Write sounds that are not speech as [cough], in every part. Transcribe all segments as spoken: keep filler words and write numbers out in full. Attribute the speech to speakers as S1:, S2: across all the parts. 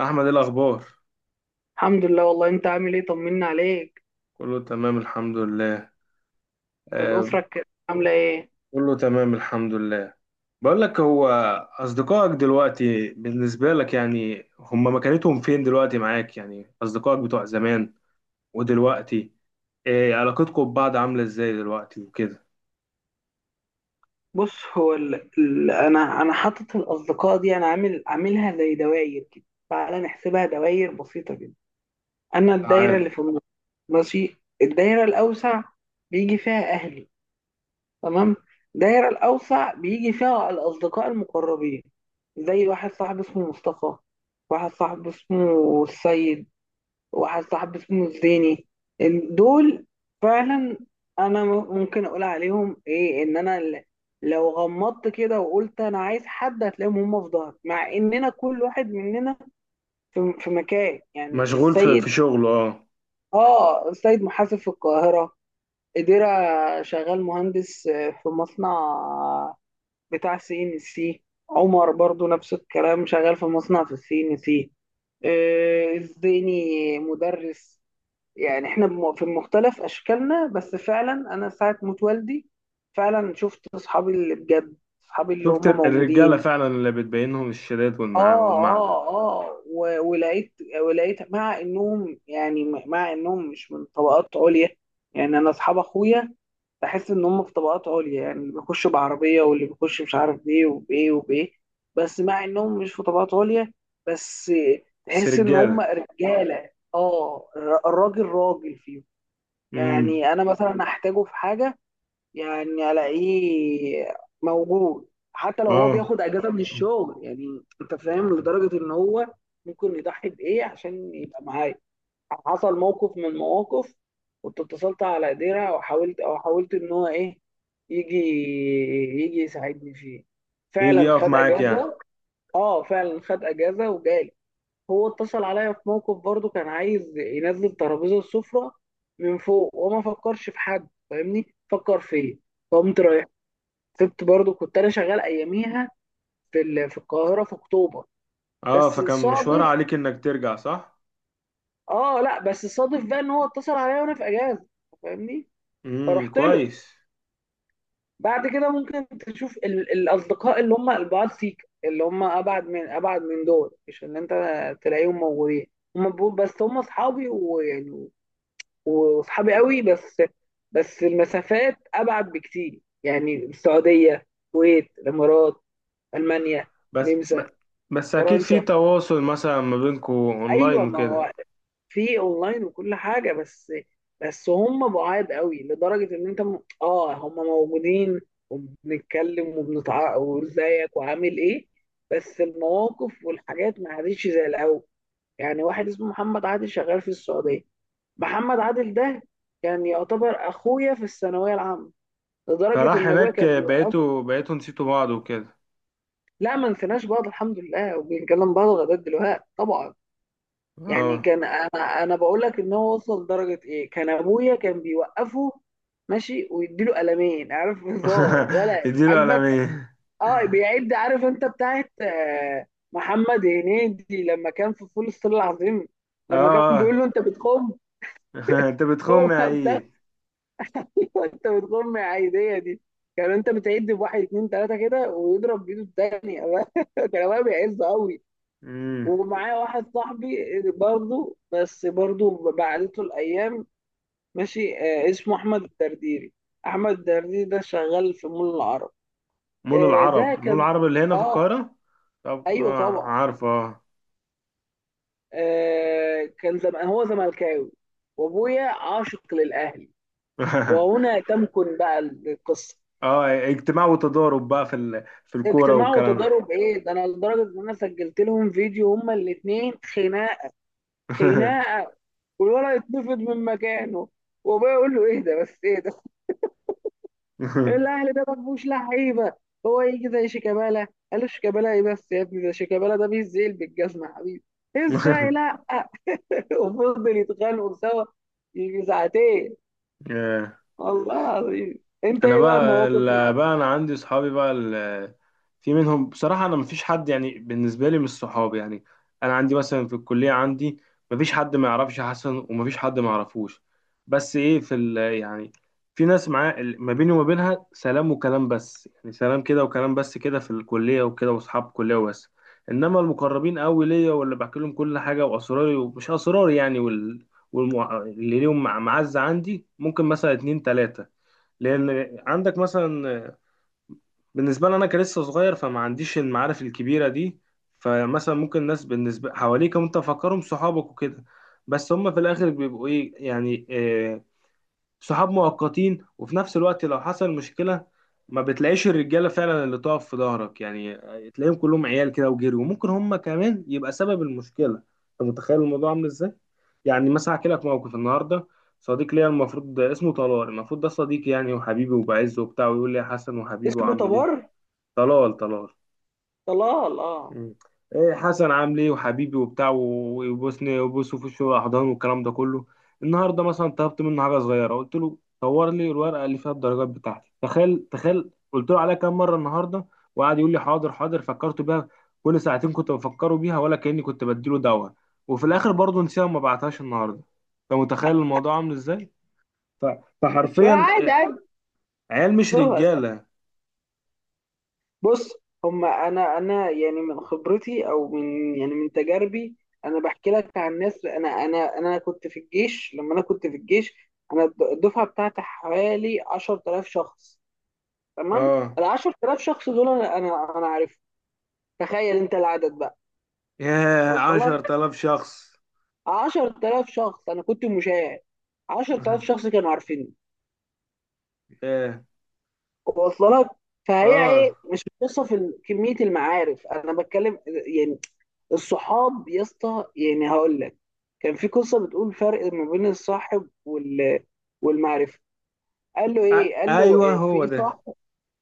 S1: احمد، إيه الاخبار؟
S2: الحمد لله. والله انت عامل ايه؟ طمنا عليك.
S1: كله تمام الحمد لله. آه.
S2: والاسره الك- عامله ايه؟
S1: كله تمام الحمد لله. بقول لك، هو اصدقائك دلوقتي بالنسبه لك يعني هم مكانتهم فين دلوقتي معاك؟ يعني اصدقائك بتوع زمان ودلوقتي، إيه علاقتكم ببعض؟ عامله ازاي دلوقتي وكده؟
S2: بص، هو ال... ال... انا انا حاطط الاصدقاء دي، انا عامل عاملها زي دواير كده. تعالى نحسبها دواير بسيطه جدا. انا الدايره
S1: تعال.
S2: اللي في النص، ماشي. الدايره الاوسع بيجي فيها اهلي، تمام. الدايره الاوسع بيجي فيها الاصدقاء المقربين، زي واحد صاحبي اسمه مصطفى، واحد صاحبي اسمه السيد، وواحد صاحبي اسمه الزيني. ال- دول فعلا انا م- ممكن اقول عليهم ايه، ان انا ل- لو غمضت كده وقلت انا عايز حد هتلاقيهم هم في ظهري، مع اننا كل واحد مننا في, في مكان. يعني
S1: مشغول في
S2: السيد،
S1: في شغله. اه.
S2: اه، السيد محاسب في القاهرة، إديرة، شغال مهندس آه، في مصنع بتاع سي ان سي. عمر برضو نفس الكلام، شغال في مصنع في السي ان سي. آه، الزيني مدرس. يعني احنا بم- في مختلف اشكالنا، بس فعلا انا ساعة موت والدي فعلا شفت اصحابي اللي بجد، اصحابي اللي
S1: شفت
S2: هم
S1: الرجاله
S2: موجودين.
S1: فعلا اللي بتبينهم، الشداد والمع
S2: اه،
S1: والمعدن.
S2: اه، اه و- ولقيت، ولقيت مع انهم، يعني مع انهم مش من طبقات عليا، يعني انا اصحاب اخويا بحس ان هم في طبقات عليا، يعني اللي بيخش بعربيه واللي بيخش مش عارف بايه وبايه وبايه، بس مع انهم مش في طبقات عليا، بس
S1: بس
S2: تحس ان هم
S1: رجاله.
S2: رجاله. اه، الر- الراجل راجل فيهم.
S1: امم
S2: يعني انا مثلا احتاجه في حاجه يعني الاقيه موجود، حتى لو هو
S1: اه.
S2: بياخد اجازه من الشغل. يعني انت فاهم لدرجه ان هو ممكن يضحي بايه عشان يبقى معايا. حصل موقف من المواقف، كنت اتصلت على ديرة وحاولت، او حاولت ان هو ايه، يجي، يجي يساعدني فيه،
S1: يجي
S2: فعلا
S1: يقف
S2: خد
S1: معاك يعني.
S2: اجازه. اه فعلا خد اجازه وجالي. هو اتصل عليا في موقف برضه، كان عايز ينزل ترابيزه السفرة من فوق وما فكرش في حد فاهمني، فكر فيا، فقمت رايح. سبت برضه، كنت انا شغال اياميها في ال- في القاهره في اكتوبر،
S1: اه،
S2: بس
S1: فكان مشوار
S2: صادف.
S1: عليك انك ترجع، صح؟
S2: اه لا، بس صادف بقى ان هو اتصل عليا وانا في اجازه، فاهمني،
S1: امم
S2: فرحت له.
S1: كويس.
S2: بعد كده ممكن تشوف ال- الاصدقاء اللي هم البعاد فيك، اللي هم ابعد من ابعد من دول، مش اللي انت تلاقيهم موجودين. هم بيقول- بس هم اصحابي، ويعني وصحابي قوي، بس بس المسافات ابعد بكتير، يعني السعوديه، الكويت، الامارات، المانيا،
S1: بس
S2: النمسا،
S1: ب- بس اكيد في
S2: فرنسا.
S1: تواصل مثلا ما بينكم اونلاين
S2: ايوه، ما
S1: وكده.
S2: هو في اونلاين وكل حاجه، بس بس هم بعاد قوي لدرجه ان انت م... اه هم موجودين وبنتكلم وبنتع وازيك وعامل ايه، بس المواقف والحاجات ما عادتش زي الاول. يعني واحد اسمه محمد عادل شغال في السعوديه. محمد عادل ده كان يعتبر اخويا في الثانويه العامه، لدرجه
S1: فراح
S2: ان ابويا
S1: هناك،
S2: كان بيوقف.
S1: بقيتوا بقيتوا نسيتوا بعض وكده؟
S2: لا، ما نسيناش بعض الحمد لله، وبنكلم بعض لغايه دلوقتي طبعا. يعني
S1: اه.
S2: كان انا انا بقول لك ان هو وصل لدرجه ايه، كان ابويا كان بيوقفه ماشي ويديله قلمين، عارف؟ [laughs] هزار
S1: [laughs]
S2: ولا
S1: اديله
S2: عاجبك؟
S1: قلمين.
S2: اه، بيعد، عارف انت بتاعت آه، محمد هنيدي لما كان في فول الصين العظيم،
S1: اه
S2: لما كان بيقول
S1: اه.
S2: له انت بتخم؟
S1: [laughs] انت
S2: هو
S1: بتخم يا
S2: ده.
S1: عيد.
S2: أيوة، انت بتقوم عادية دي، كان انت بتعد بواحد اتنين تلاتة كده ويضرب بايده التانية. [laughs] كان ابويا بيعز قوي.
S1: امم
S2: ومعايا واحد صاحبي برضه، بس برضه بعدته الايام، ماشي. آه، اسمه احمد الدرديري. احمد الدرديري ده شغال في مول العرب.
S1: مول
S2: آه،
S1: العرب؟
S2: ده
S1: مول
S2: كان،
S1: العرب اللي هنا في
S2: اه.
S1: القاهرة؟ طب
S2: ايوه
S1: اه
S2: طبعا.
S1: عارفه اه.
S2: آه، كان زم... هو زملكاوي، وابويا عاشق للاهلي،
S1: [laughs]
S2: وهنا تمكن بقى القصة.
S1: اه. اجتماع وتضارب بقى في ال... في الكورة
S2: اجتماع
S1: والكلام ده.
S2: وتضارب ايه ده، انا لدرجه ان انا سجلت لهم فيديو هما الاثنين. خناقه، خناقه، والولد اتنفض من مكانه، وابويا يقول له ايه ده بس، ايه ده، الاهلي ده ما فيهوش لعيبه، هو يجي زي شيكابالا؟ قال له شيكابالا ايه بس يا ابني، ده شيكابالا ده بيزيل بالجزمه يا حبيبي، ازاي؟ لا. [laughs] وفضل يتخانقوا سوا يجي ساعتين،
S1: [laughs] [laughs]
S2: والله العظيم. انت
S1: انا
S2: ايه بقى
S1: بقى
S2: المواقف
S1: ال-
S2: اللي-
S1: بقى انا عندي صحابي بقى ال- في منهم بصراحه. انا مفيش حد يعني بالنسبه لي مش صحابي يعني. انا عندي مثلا في الكليه، عندي مفيش حد ما يعرفش حسن ومفيش حد ما يعرفوش. بس ايه، في ال يعني في ناس معاه ال- ما بيني وما بينها سلام وكلام بس، يعني سلام كده وكلام بس كده في الكليه وكده، واصحاب كليه وبس. انما المقربين قوي ليا واللي بحكي لهم كل حاجه، واسراري ومش اسراري يعني وال والمع... اللي ليهم مع- معزه عندي، ممكن مثلا اتنين تلاته. لان عندك مثلا، بالنسبه لي انا كلسه صغير، فما عنديش المعارف الكبيره دي. فمثلا ممكن الناس بالنسبه حواليك انت فاكرهم صحابك وكده، بس هم في الاخر بيبقوا ايه يعني، آه، صحاب مؤقتين. وفي نفس الوقت لو حصل مشكلة، ما بتلاقيش الرجالة فعلا اللي تقف في ظهرك يعني. تلاقيهم كلهم عيال كده وجري، وممكن هم كمان يبقى سبب المشكلة. انت متخيل الموضوع عامل ازاي؟ يعني مثلا احكي لك موقف النهارده. صديق ليا، المفروض اسمه طلال، المفروض ده صديقي يعني وحبيبي وبعزه وبتاع، ويقول لي يا حسن وحبيبي
S2: اسمه
S1: وعامل
S2: تبر؟
S1: ايه؟ طلال طلال.
S2: طلال، اه.
S1: مم. إيه حسن عامل ايه وحبيبي وبتاع و- ويبوسني ويبوسه في وشه واحضان والكلام ده كله. النهارده مثلا طلبت منه حاجه صغيره، قلت له صور لي الورقه اللي فيها الدرجات بتاعتي. تخيل، تخيل، قلت له عليها كام مره النهارده! وقعد يقول لي حاضر حاضر، فكرت بيها. كل ساعتين كنت بفكره بيها، ولا كاني كنت بديله دواء. وفي الاخر برضه نسيها وما بعتهاش النهارده. انت متخيل الموضوع عامل ازاي؟ ف- فحرفيا،
S2: عادي،
S1: إيه،
S2: عادي.
S1: عيال مش
S2: صور.
S1: رجاله.
S2: بص، هما انا انا يعني من خبرتي، او من يعني من تجاربي، انا بحكي لك عن ناس. انا انا انا كنت في الجيش، لما انا كنت في الجيش انا الد- الدفعه بتاعتي حوالي عشرة آلاف شخص، تمام.
S1: اه.
S2: ال عشرة آلاف شخص دول انا انا انا عارفهم، تخيل انت العدد بقى،
S1: ياه،
S2: وصل لك؟
S1: عشرة آلاف شخص!
S2: عشرة آلاف شخص انا كنت مشاهد، عشرة آلاف شخص
S1: [laughs]
S2: كانوا عارفيني،
S1: ياه.
S2: وصل لك؟ فهي ايه،
S1: اه.
S2: مش قصه في ال- كميه المعارف انا بتكلم يعني. الصحاب يا اسطى، يعني هقول لك، كان في قصه بتقول فرق ما بين الصاحب وال والمعرفه. قال له
S1: أ-
S2: ايه، قال له
S1: ايوه،
S2: إيه في
S1: هو
S2: ايه
S1: ده.
S2: صاحب؟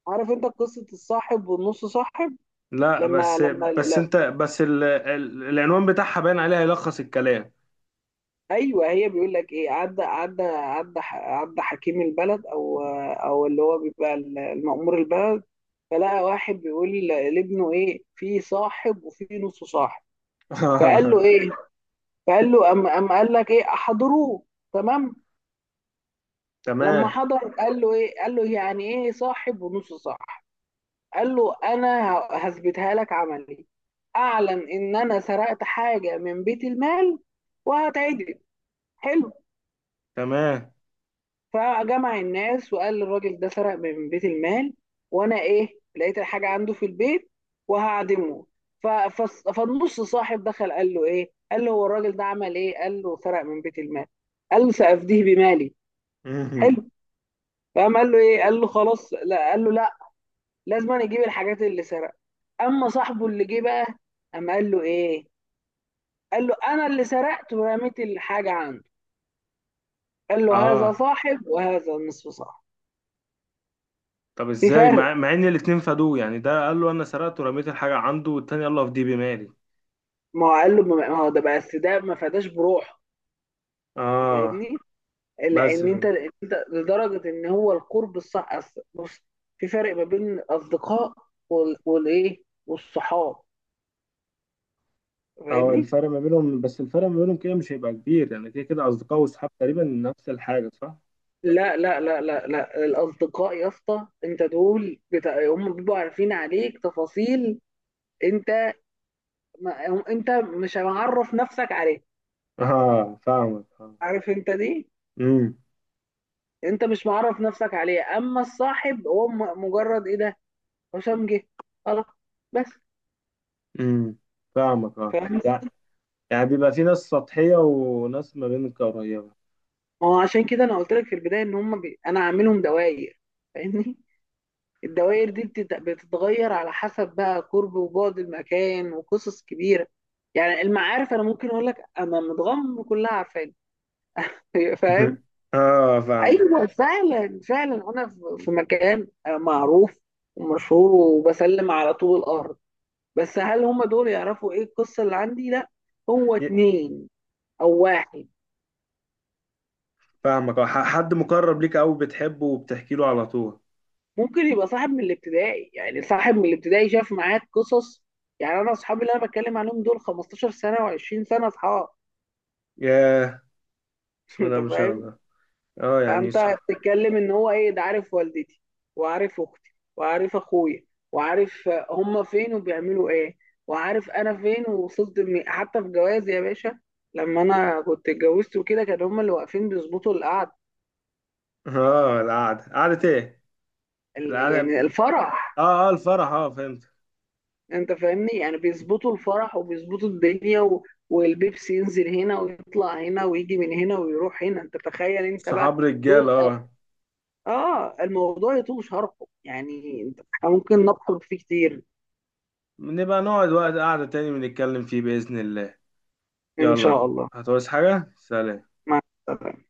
S2: عارف انت قصه الصاحب والنص صاحب؟
S1: لا
S2: لما
S1: بس.
S2: لما
S1: بس
S2: لا،
S1: انت بس ال... ال... العنوان بتاعها باين عليها، يلخص الكلام.
S2: ايوه. هي بيقول لك ايه، عدى عدى عدى ح- عدى حكيم البلد، او او اللي هو بيبقى المأمور البلد، فلقى واحد بيقول لابنه ايه في صاحب وفي نص صاحب. فقال له
S1: [laughs]
S2: ايه، فقال له أم أم، قال لك ايه احضروه. تمام. لما
S1: تمام،
S2: حضر قال له ايه، قال له يعني ايه صاحب ونص صاحب؟ قال له انا ه- هثبتها لك عملي. اعلن ان انا سرقت حاجه من بيت المال وهتعدم. حلو.
S1: تمام.
S2: فجمع الناس وقال الراجل ده سرق من بيت المال، وانا ايه، لقيت الحاجه عنده في البيت وهعدمه. ف- فص- فالنص صاحب دخل قال له ايه، قال له هو الراجل ده عمل ايه؟ قال له سرق من بيت المال. قال له سأفديه بمالي.
S1: مهم.
S2: حلو. فقام قال له ايه، قال له خلاص لا، قال له لا، لازم أن يجيب الحاجات اللي سرقها. اما صاحبه اللي جه بقى، اما قال له ايه، قال له انا اللي سرقت ورميت الحاجه عنده. قال له هذا
S1: اه،
S2: صاحب وهذا نصف صاحب.
S1: طب
S2: في
S1: ازاي مع,
S2: فرق،
S1: مع ان الاتنين فادوه؟ يعني ده قال له انا سرقت ورميت الحاجه عنده، والتاني قال له افديه بمالي.
S2: ما هو قال له، ما هو ده بقى، بس ده ما فداش بروحه، فاهمني.
S1: اه بس
S2: لان انت
S1: فهمت.
S2: انت لدرجه ان هو القرب الصح، أصل- بص، في فرق ما بين الاصدقاء وال- والايه والصحاب،
S1: اه،
S2: فاهمني؟
S1: الفرق ما بينهم، بس الفرق ما بينهم كده مش هيبقى كبير يعني. كده كده اصدقاء واصحاب تقريبا نفس الحاجه، صح؟
S2: لا لا لا لا لا، الاصدقاء يا اسطى انت دول بتا... هم بيبقوا عارفين عليك تفاصيل انت، ما انت مش معرف نفسك عليه،
S1: اه فاهمك اه.
S2: عارف انت دي؟
S1: امم
S2: انت مش معرف نفسك عليه، اما الصاحب هو م- مجرد ايه ده، هشام جه، خلاص، بس.
S1: امم فاهمك اه.
S2: فاهم.
S1: يعني، يعني بيبقى في ناس سطحية وناس ما بينك قريبة.
S2: ما هو عشان كده انا قلت لك في البدايه ان هم بي... انا عاملهم دوائر، فاهمني؟ الدوائر دي بتت... بتتغير على حسب بقى قرب وبعد المكان، وقصص كبيره. يعني المعارف انا ممكن اقول لك انا متغمر كلها عارفاني. [laughs]
S1: [laughs]
S2: فاهم؟
S1: اه فاهمك.
S2: ايوه، فعلا فعلا انا في في مكان معروف ومشهور، وبسلم على طول الارض، بس هل هم دول يعرفوا ايه القصه اللي عندي؟ لا، هو
S1: ي-
S2: اتنين او واحد.
S1: فاهمك. آه، ح- حد مقرب ليك قوي بتحبه وبتحكي له على طول.
S2: ممكن يبقى صاحب من الابتدائي، يعني صاحب من الابتدائي شاف معاك قصص. يعني انا اصحابي اللي انا بتكلم عنهم دول خمستاشر سنه و20 سنه اصحاب.
S1: ياه.
S2: [laughs]
S1: بسم
S2: انت
S1: الله ما شاء
S2: فاهم؟
S1: الله. اه، يعني
S2: فانت
S1: صح.
S2: بتتكلم ان هو ايه، ده عارف والدتي، وعارف اختي، وعارف اخويا، وعارف هما فين وبيعملوا ايه، وعارف انا فين ووصلت لمين. حتى في جوازي يا باشا، لما انا كنت اتجوزت وكده كانوا هما اللي واقفين بيظبطوا القعد،
S1: اه، القعدة قعدة ايه؟
S2: ال-
S1: القعدة.
S2: يعني الفرح.
S1: اه اه، الفرح. اه، فهمت.
S2: انت فاهمني، يعني بيظبطوا الفرح وبيظبطوا الدنيا و... والبيبسي ينزل هنا ويطلع هنا ويجي من هنا ويروح هنا، انت تخيل انت
S1: صحاب
S2: بقى.
S1: رجال،
S2: دول أر-
S1: اه.
S2: اه الموضوع يطول شرحه، يعني انت ممكن نبحر فيه كتير.
S1: نبقى نقعد وقت قعدة تاني بنتكلم فيه، بإذن الله.
S2: إن
S1: يلا.
S2: شاء الله.
S1: هتعوز حاجة؟ سلام.
S2: مع السلامة.